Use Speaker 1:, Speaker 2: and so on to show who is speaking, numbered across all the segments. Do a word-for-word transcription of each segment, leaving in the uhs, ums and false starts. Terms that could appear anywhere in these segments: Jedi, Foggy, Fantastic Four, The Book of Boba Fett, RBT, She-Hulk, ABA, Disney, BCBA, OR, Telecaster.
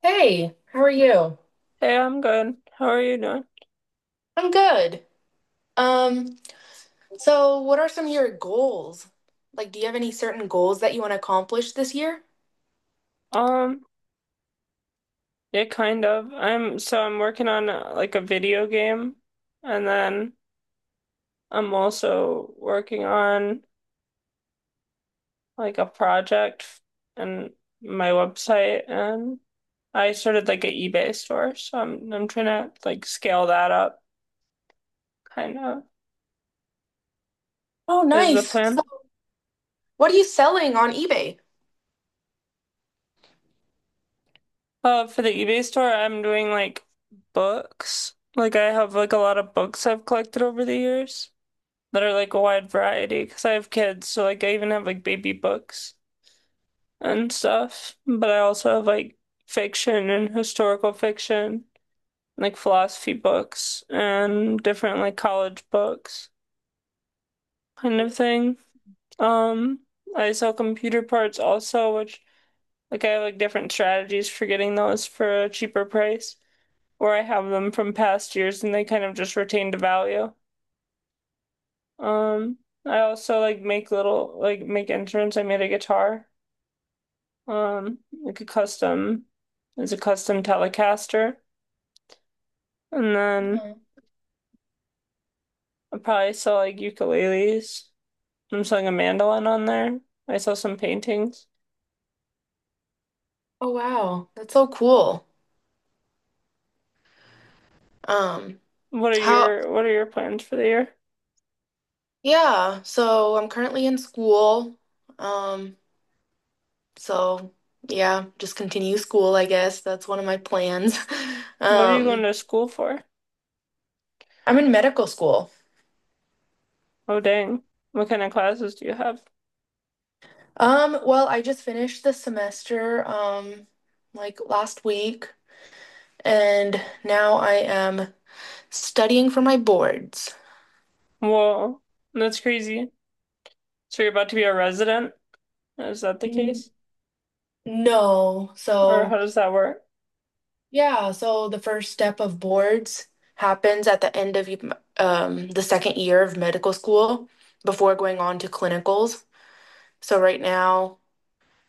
Speaker 1: Hey, how are you?
Speaker 2: Hey, I'm good. How are you doing?
Speaker 1: I'm good. Um, so what are some of your goals? Like, do you have any certain goals that you want to accomplish this year?
Speaker 2: Um, yeah, kind of. I'm so I'm working on uh, like a video game, and then I'm also working on like a project f- and my website, and I started like an eBay store, so I'm I'm trying to like scale that up. Kind of
Speaker 1: Oh,
Speaker 2: is the
Speaker 1: nice.
Speaker 2: plan.
Speaker 1: So what are you selling on eBay?
Speaker 2: Uh, for the eBay store, I'm doing like books. Like I have like a lot of books I've collected over the years, that are like a wide variety because I have kids, so like I even have like baby books and stuff, but I also have like fiction and historical fiction, like philosophy books and different like college books kind of thing. Um, I sell computer parts also, which like I have like different strategies for getting those for a cheaper price, or I have them from past years and they kind of just retain the value. Um, I also like make little like make instruments. I made a guitar. um, like a custom, it's a custom Telecaster, and then
Speaker 1: Mhm.
Speaker 2: I probably sell like ukuleles. I'm selling a mandolin on there. I saw some paintings.
Speaker 1: Oh, wow. That's so cool. Um,
Speaker 2: What are
Speaker 1: how,
Speaker 2: your What are your plans for the year?
Speaker 1: yeah, so I'm currently in school. Um, so yeah, just continue school, I guess. That's one of my plans.
Speaker 2: What are you going
Speaker 1: Um,
Speaker 2: to school for?
Speaker 1: I'm in medical school.
Speaker 2: Oh dang! What kind of classes do you have?
Speaker 1: Um, well, I just finished the semester, um, like last week, and now I am studying for my boards.
Speaker 2: Whoa, that's crazy. So you're about to be a resident? Is that the
Speaker 1: Mm,
Speaker 2: case?
Speaker 1: No,
Speaker 2: Or how
Speaker 1: so
Speaker 2: does that work?
Speaker 1: Yeah, so the first step of boards happens at the end of um, the second year of medical school before going on to clinicals. So right now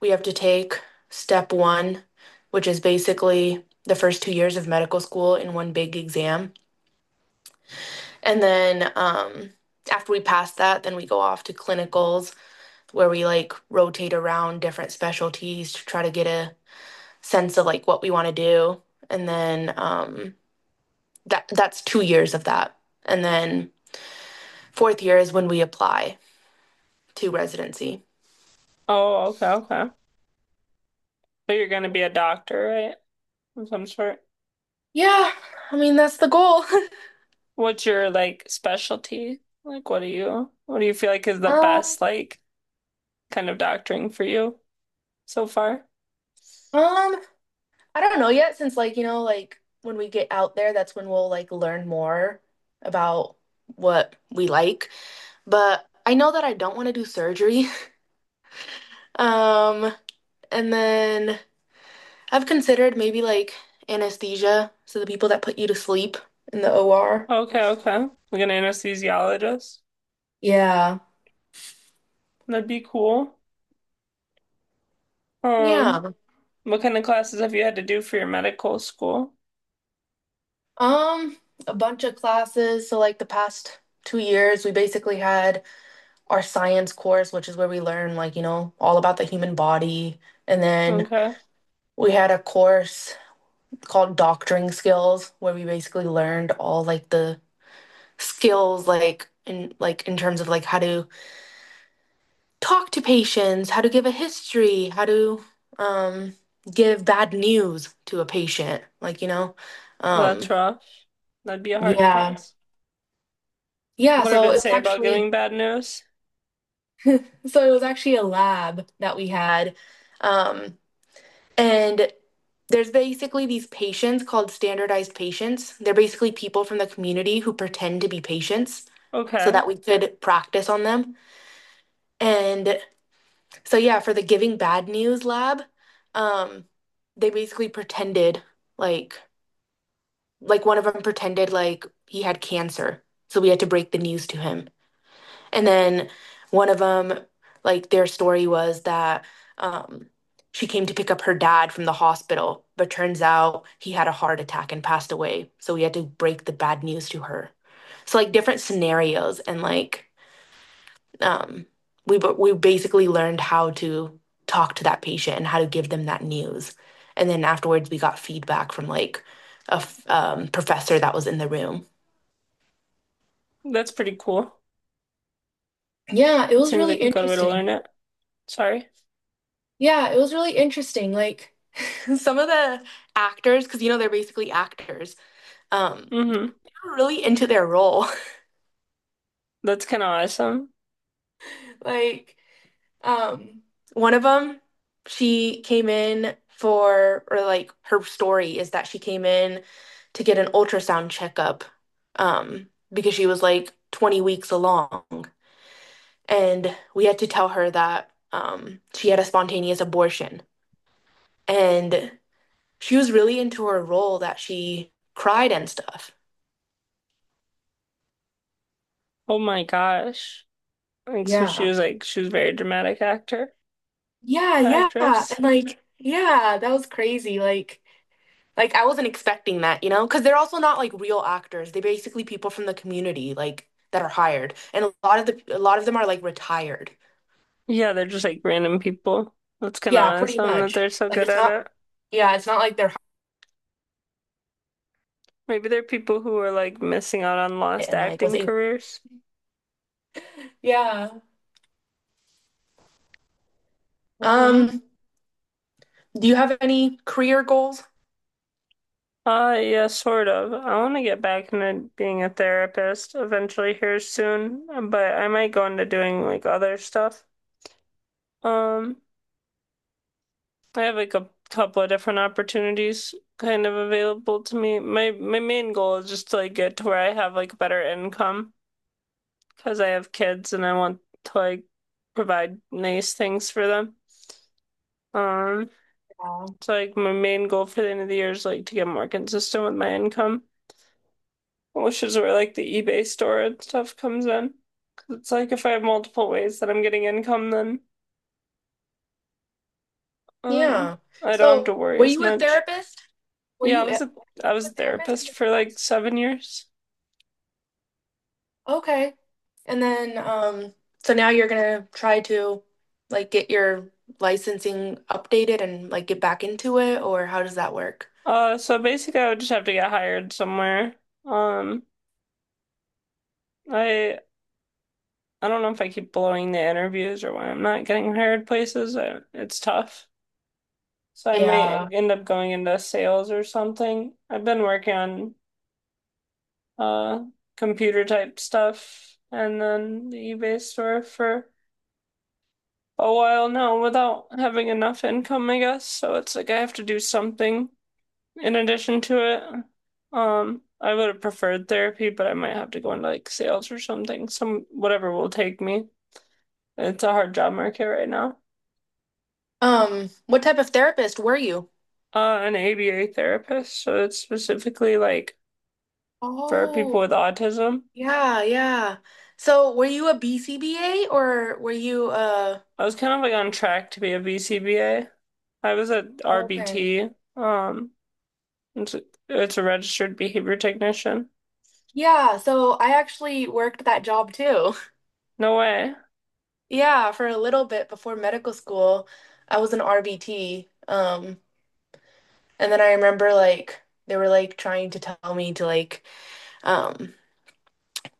Speaker 1: we have to take step one, which is basically the first two years of medical school in one big exam. And then um, after we pass that, then we go off to clinicals where we like rotate around different specialties to try to get a sense of like what we want to do. And then um, that that's two years of that. And then fourth year is when we apply to residency.
Speaker 2: Oh, okay, okay. But you're going to be a doctor, right? Of some sort.
Speaker 1: Yeah, I mean that's the goal.
Speaker 2: What's your like specialty? Like, what do you what do you feel like is the
Speaker 1: Um,
Speaker 2: best like kind of doctoring for you so far?
Speaker 1: um, I don't know yet since like, you know, like when we get out there, that's when we'll like learn more about what we like. But I know that I don't want to do surgery. Um, and then I've considered maybe like anesthesia, so the people that put you to sleep in the O R.
Speaker 2: Okay, okay. Like an anesthesiologist.
Speaker 1: Yeah.
Speaker 2: That'd be cool. Um,
Speaker 1: Yeah.
Speaker 2: what kind of classes have you had to do for your medical school?
Speaker 1: Um, a bunch of classes. So like the past two years, we basically had our science course, which is where we learn like, you know, all about the human body. And then
Speaker 2: Okay.
Speaker 1: we had a course called doctoring skills, where we basically learned all like the skills like in like in terms of like how to talk to patients, how to give a history, how to um give bad news to a patient, like you know.
Speaker 2: Well, that's
Speaker 1: Um
Speaker 2: rough. That'd be a hard
Speaker 1: yeah.
Speaker 2: class.
Speaker 1: Yeah,
Speaker 2: What did
Speaker 1: so
Speaker 2: it
Speaker 1: it was
Speaker 2: say about
Speaker 1: actually
Speaker 2: giving bad news?
Speaker 1: so it was actually a lab that we had um and there's basically these patients called standardized patients. They're basically people from the community who pretend to be patients so
Speaker 2: Okay.
Speaker 1: that we could practice on them. And so yeah, for the Giving Bad News lab, um, they basically pretended like like one of them pretended like he had cancer. So we had to break the news to him. And then one of them, like their story was that um, she came to pick up her dad from the hospital, but turns out he had a heart attack and passed away. So we had to break the bad news to her. So like different scenarios and like um, we we basically learned how to talk to that patient and how to give them that news. And then afterwards, we got feedback from like a um, professor that was in the room.
Speaker 2: That's pretty cool.
Speaker 1: Yeah, it
Speaker 2: That
Speaker 1: was
Speaker 2: seems
Speaker 1: really
Speaker 2: like a good way to
Speaker 1: interesting.
Speaker 2: learn it. Sorry.
Speaker 1: Yeah, it was really interesting. Like, some of the actors, because you know they're basically actors, um,
Speaker 2: Mm-hmm.
Speaker 1: they were really into their role.
Speaker 2: That's kind of awesome.
Speaker 1: Like, um, one of them, she came in for, or like her story is that she came in to get an ultrasound checkup, um, because she was like twenty weeks along. And we had to tell her that, um, she had a spontaneous abortion. And she was really into her role that she cried and stuff.
Speaker 2: Oh my gosh. And so she
Speaker 1: Yeah.
Speaker 2: was like, she was a very dramatic actor,
Speaker 1: Yeah, yeah.
Speaker 2: actress.
Speaker 1: And like, yeah, that was crazy. Like, Like I wasn't expecting that, you know, because they're also not like real actors. They're basically people from the community, like that are hired, and a lot of the a lot of them are like retired.
Speaker 2: Yeah, they're just like random people. That's kind of
Speaker 1: Yeah, pretty
Speaker 2: awesome that
Speaker 1: much.
Speaker 2: they're so
Speaker 1: Like
Speaker 2: good
Speaker 1: it's
Speaker 2: at
Speaker 1: not.
Speaker 2: it.
Speaker 1: Yeah, it's not like they're
Speaker 2: Maybe they're people who are like missing out on
Speaker 1: hired
Speaker 2: lost
Speaker 1: and like was
Speaker 2: acting
Speaker 1: able.
Speaker 2: careers.
Speaker 1: Yeah.
Speaker 2: Hmm.
Speaker 1: Um. Do you have any career goals?
Speaker 2: Uh, yeah, sort of. I want to get back into being a therapist eventually here soon, but I might go into doing like other stuff. Um, I have like a couple of different opportunities kind of available to me. My my main goal is just to like get to where I have like better income because I have kids and I want to like provide nice things for them. Um,
Speaker 1: Yeah.
Speaker 2: so like my main goal for the end of the year is like to get more consistent with my income, which is where like the eBay store and stuff comes in. Cause it's like if I have multiple ways that I'm getting income, then um
Speaker 1: Yeah.
Speaker 2: I don't have
Speaker 1: So,
Speaker 2: to worry
Speaker 1: were
Speaker 2: as
Speaker 1: you a
Speaker 2: much.
Speaker 1: therapist? Were
Speaker 2: Yeah,
Speaker 1: you
Speaker 2: I
Speaker 1: a, were
Speaker 2: was a I
Speaker 1: you
Speaker 2: was a
Speaker 1: a therapist in
Speaker 2: therapist
Speaker 1: the
Speaker 2: for like
Speaker 1: past?
Speaker 2: seven years.
Speaker 1: Okay. And then, um, so now you're gonna try to like get your licensing updated and like get back into it, or how does that work?
Speaker 2: Uh, so basically I would just have to get hired somewhere. Um, I I don't know if I keep blowing the interviews or why I'm not getting hired places. I, it's tough. So I might
Speaker 1: Yeah.
Speaker 2: end up going into sales or something. I've been working on uh computer type stuff and then the eBay store for a while now without having enough income, I guess. So it's like I have to do something in addition to it. Um, I would have preferred therapy, but I might have to go into like sales or something. Some whatever will take me. It's a hard job market right now.
Speaker 1: Um, what type of therapist were you?
Speaker 2: Uh, an A B A therapist, so it's specifically like for people
Speaker 1: Oh,
Speaker 2: with autism.
Speaker 1: yeah, yeah. So were you a B C B A or were you a
Speaker 2: I was kind of like on track to be a B C B A. I was at
Speaker 1: okay.
Speaker 2: R B T. Um, it's a, it's a registered behavior technician.
Speaker 1: Yeah, so I actually worked that job too.
Speaker 2: No way.
Speaker 1: Yeah, for a little bit before medical school, I was an R B T. Um, And then I remember like they were like trying to tell me to like um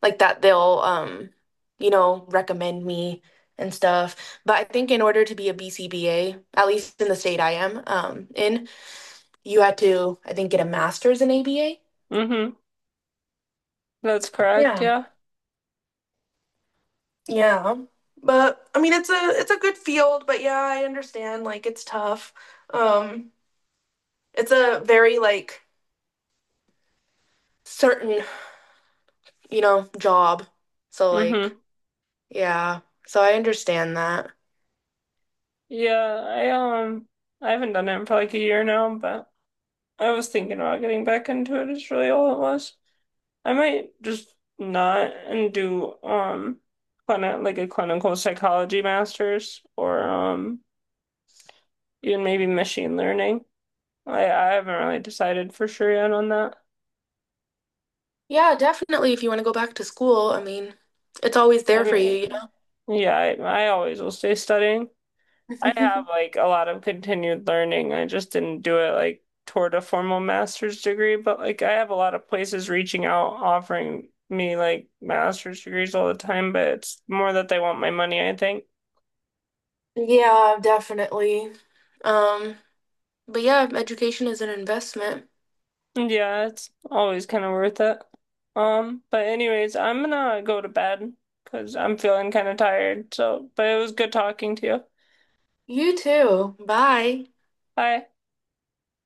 Speaker 1: like that they'll um you know recommend me and stuff. But I think in order to be a B C B A, at least in the state I am um in, you had to I think get a master's in A B A.
Speaker 2: Mm-hmm. That's correct.
Speaker 1: Yeah.
Speaker 2: Yeah.
Speaker 1: Yeah. But I mean it's a it's a good field, but yeah, I understand like it's tough. Um it's a very like certain, you know, job. So
Speaker 2: Mm-hmm.
Speaker 1: like yeah. So I understand that.
Speaker 2: Yeah. I um I haven't done it for like a year now, but I was thinking about getting back into it. Is really all it was. I might just not and do um clini- like a clinical psychology master's or um even maybe machine learning. I I haven't really decided for sure yet on that.
Speaker 1: Yeah, definitely. If you want to go back to school, I mean, it's always
Speaker 2: I
Speaker 1: there for you, you
Speaker 2: mean, yeah, I, I always will stay studying. I
Speaker 1: know?
Speaker 2: have like a lot of continued learning. I just didn't do it like toward a formal master's degree, but like I have a lot of places reaching out offering me like master's degrees all the time, but it's more that they want my money, I think.
Speaker 1: Yeah, definitely. Um, but yeah, education is an investment.
Speaker 2: Yeah, it's always kind of worth it. Um, but anyways, I'm gonna go to bed because I'm feeling kind of tired. So, but it was good talking to you.
Speaker 1: You too. Bye.
Speaker 2: Bye.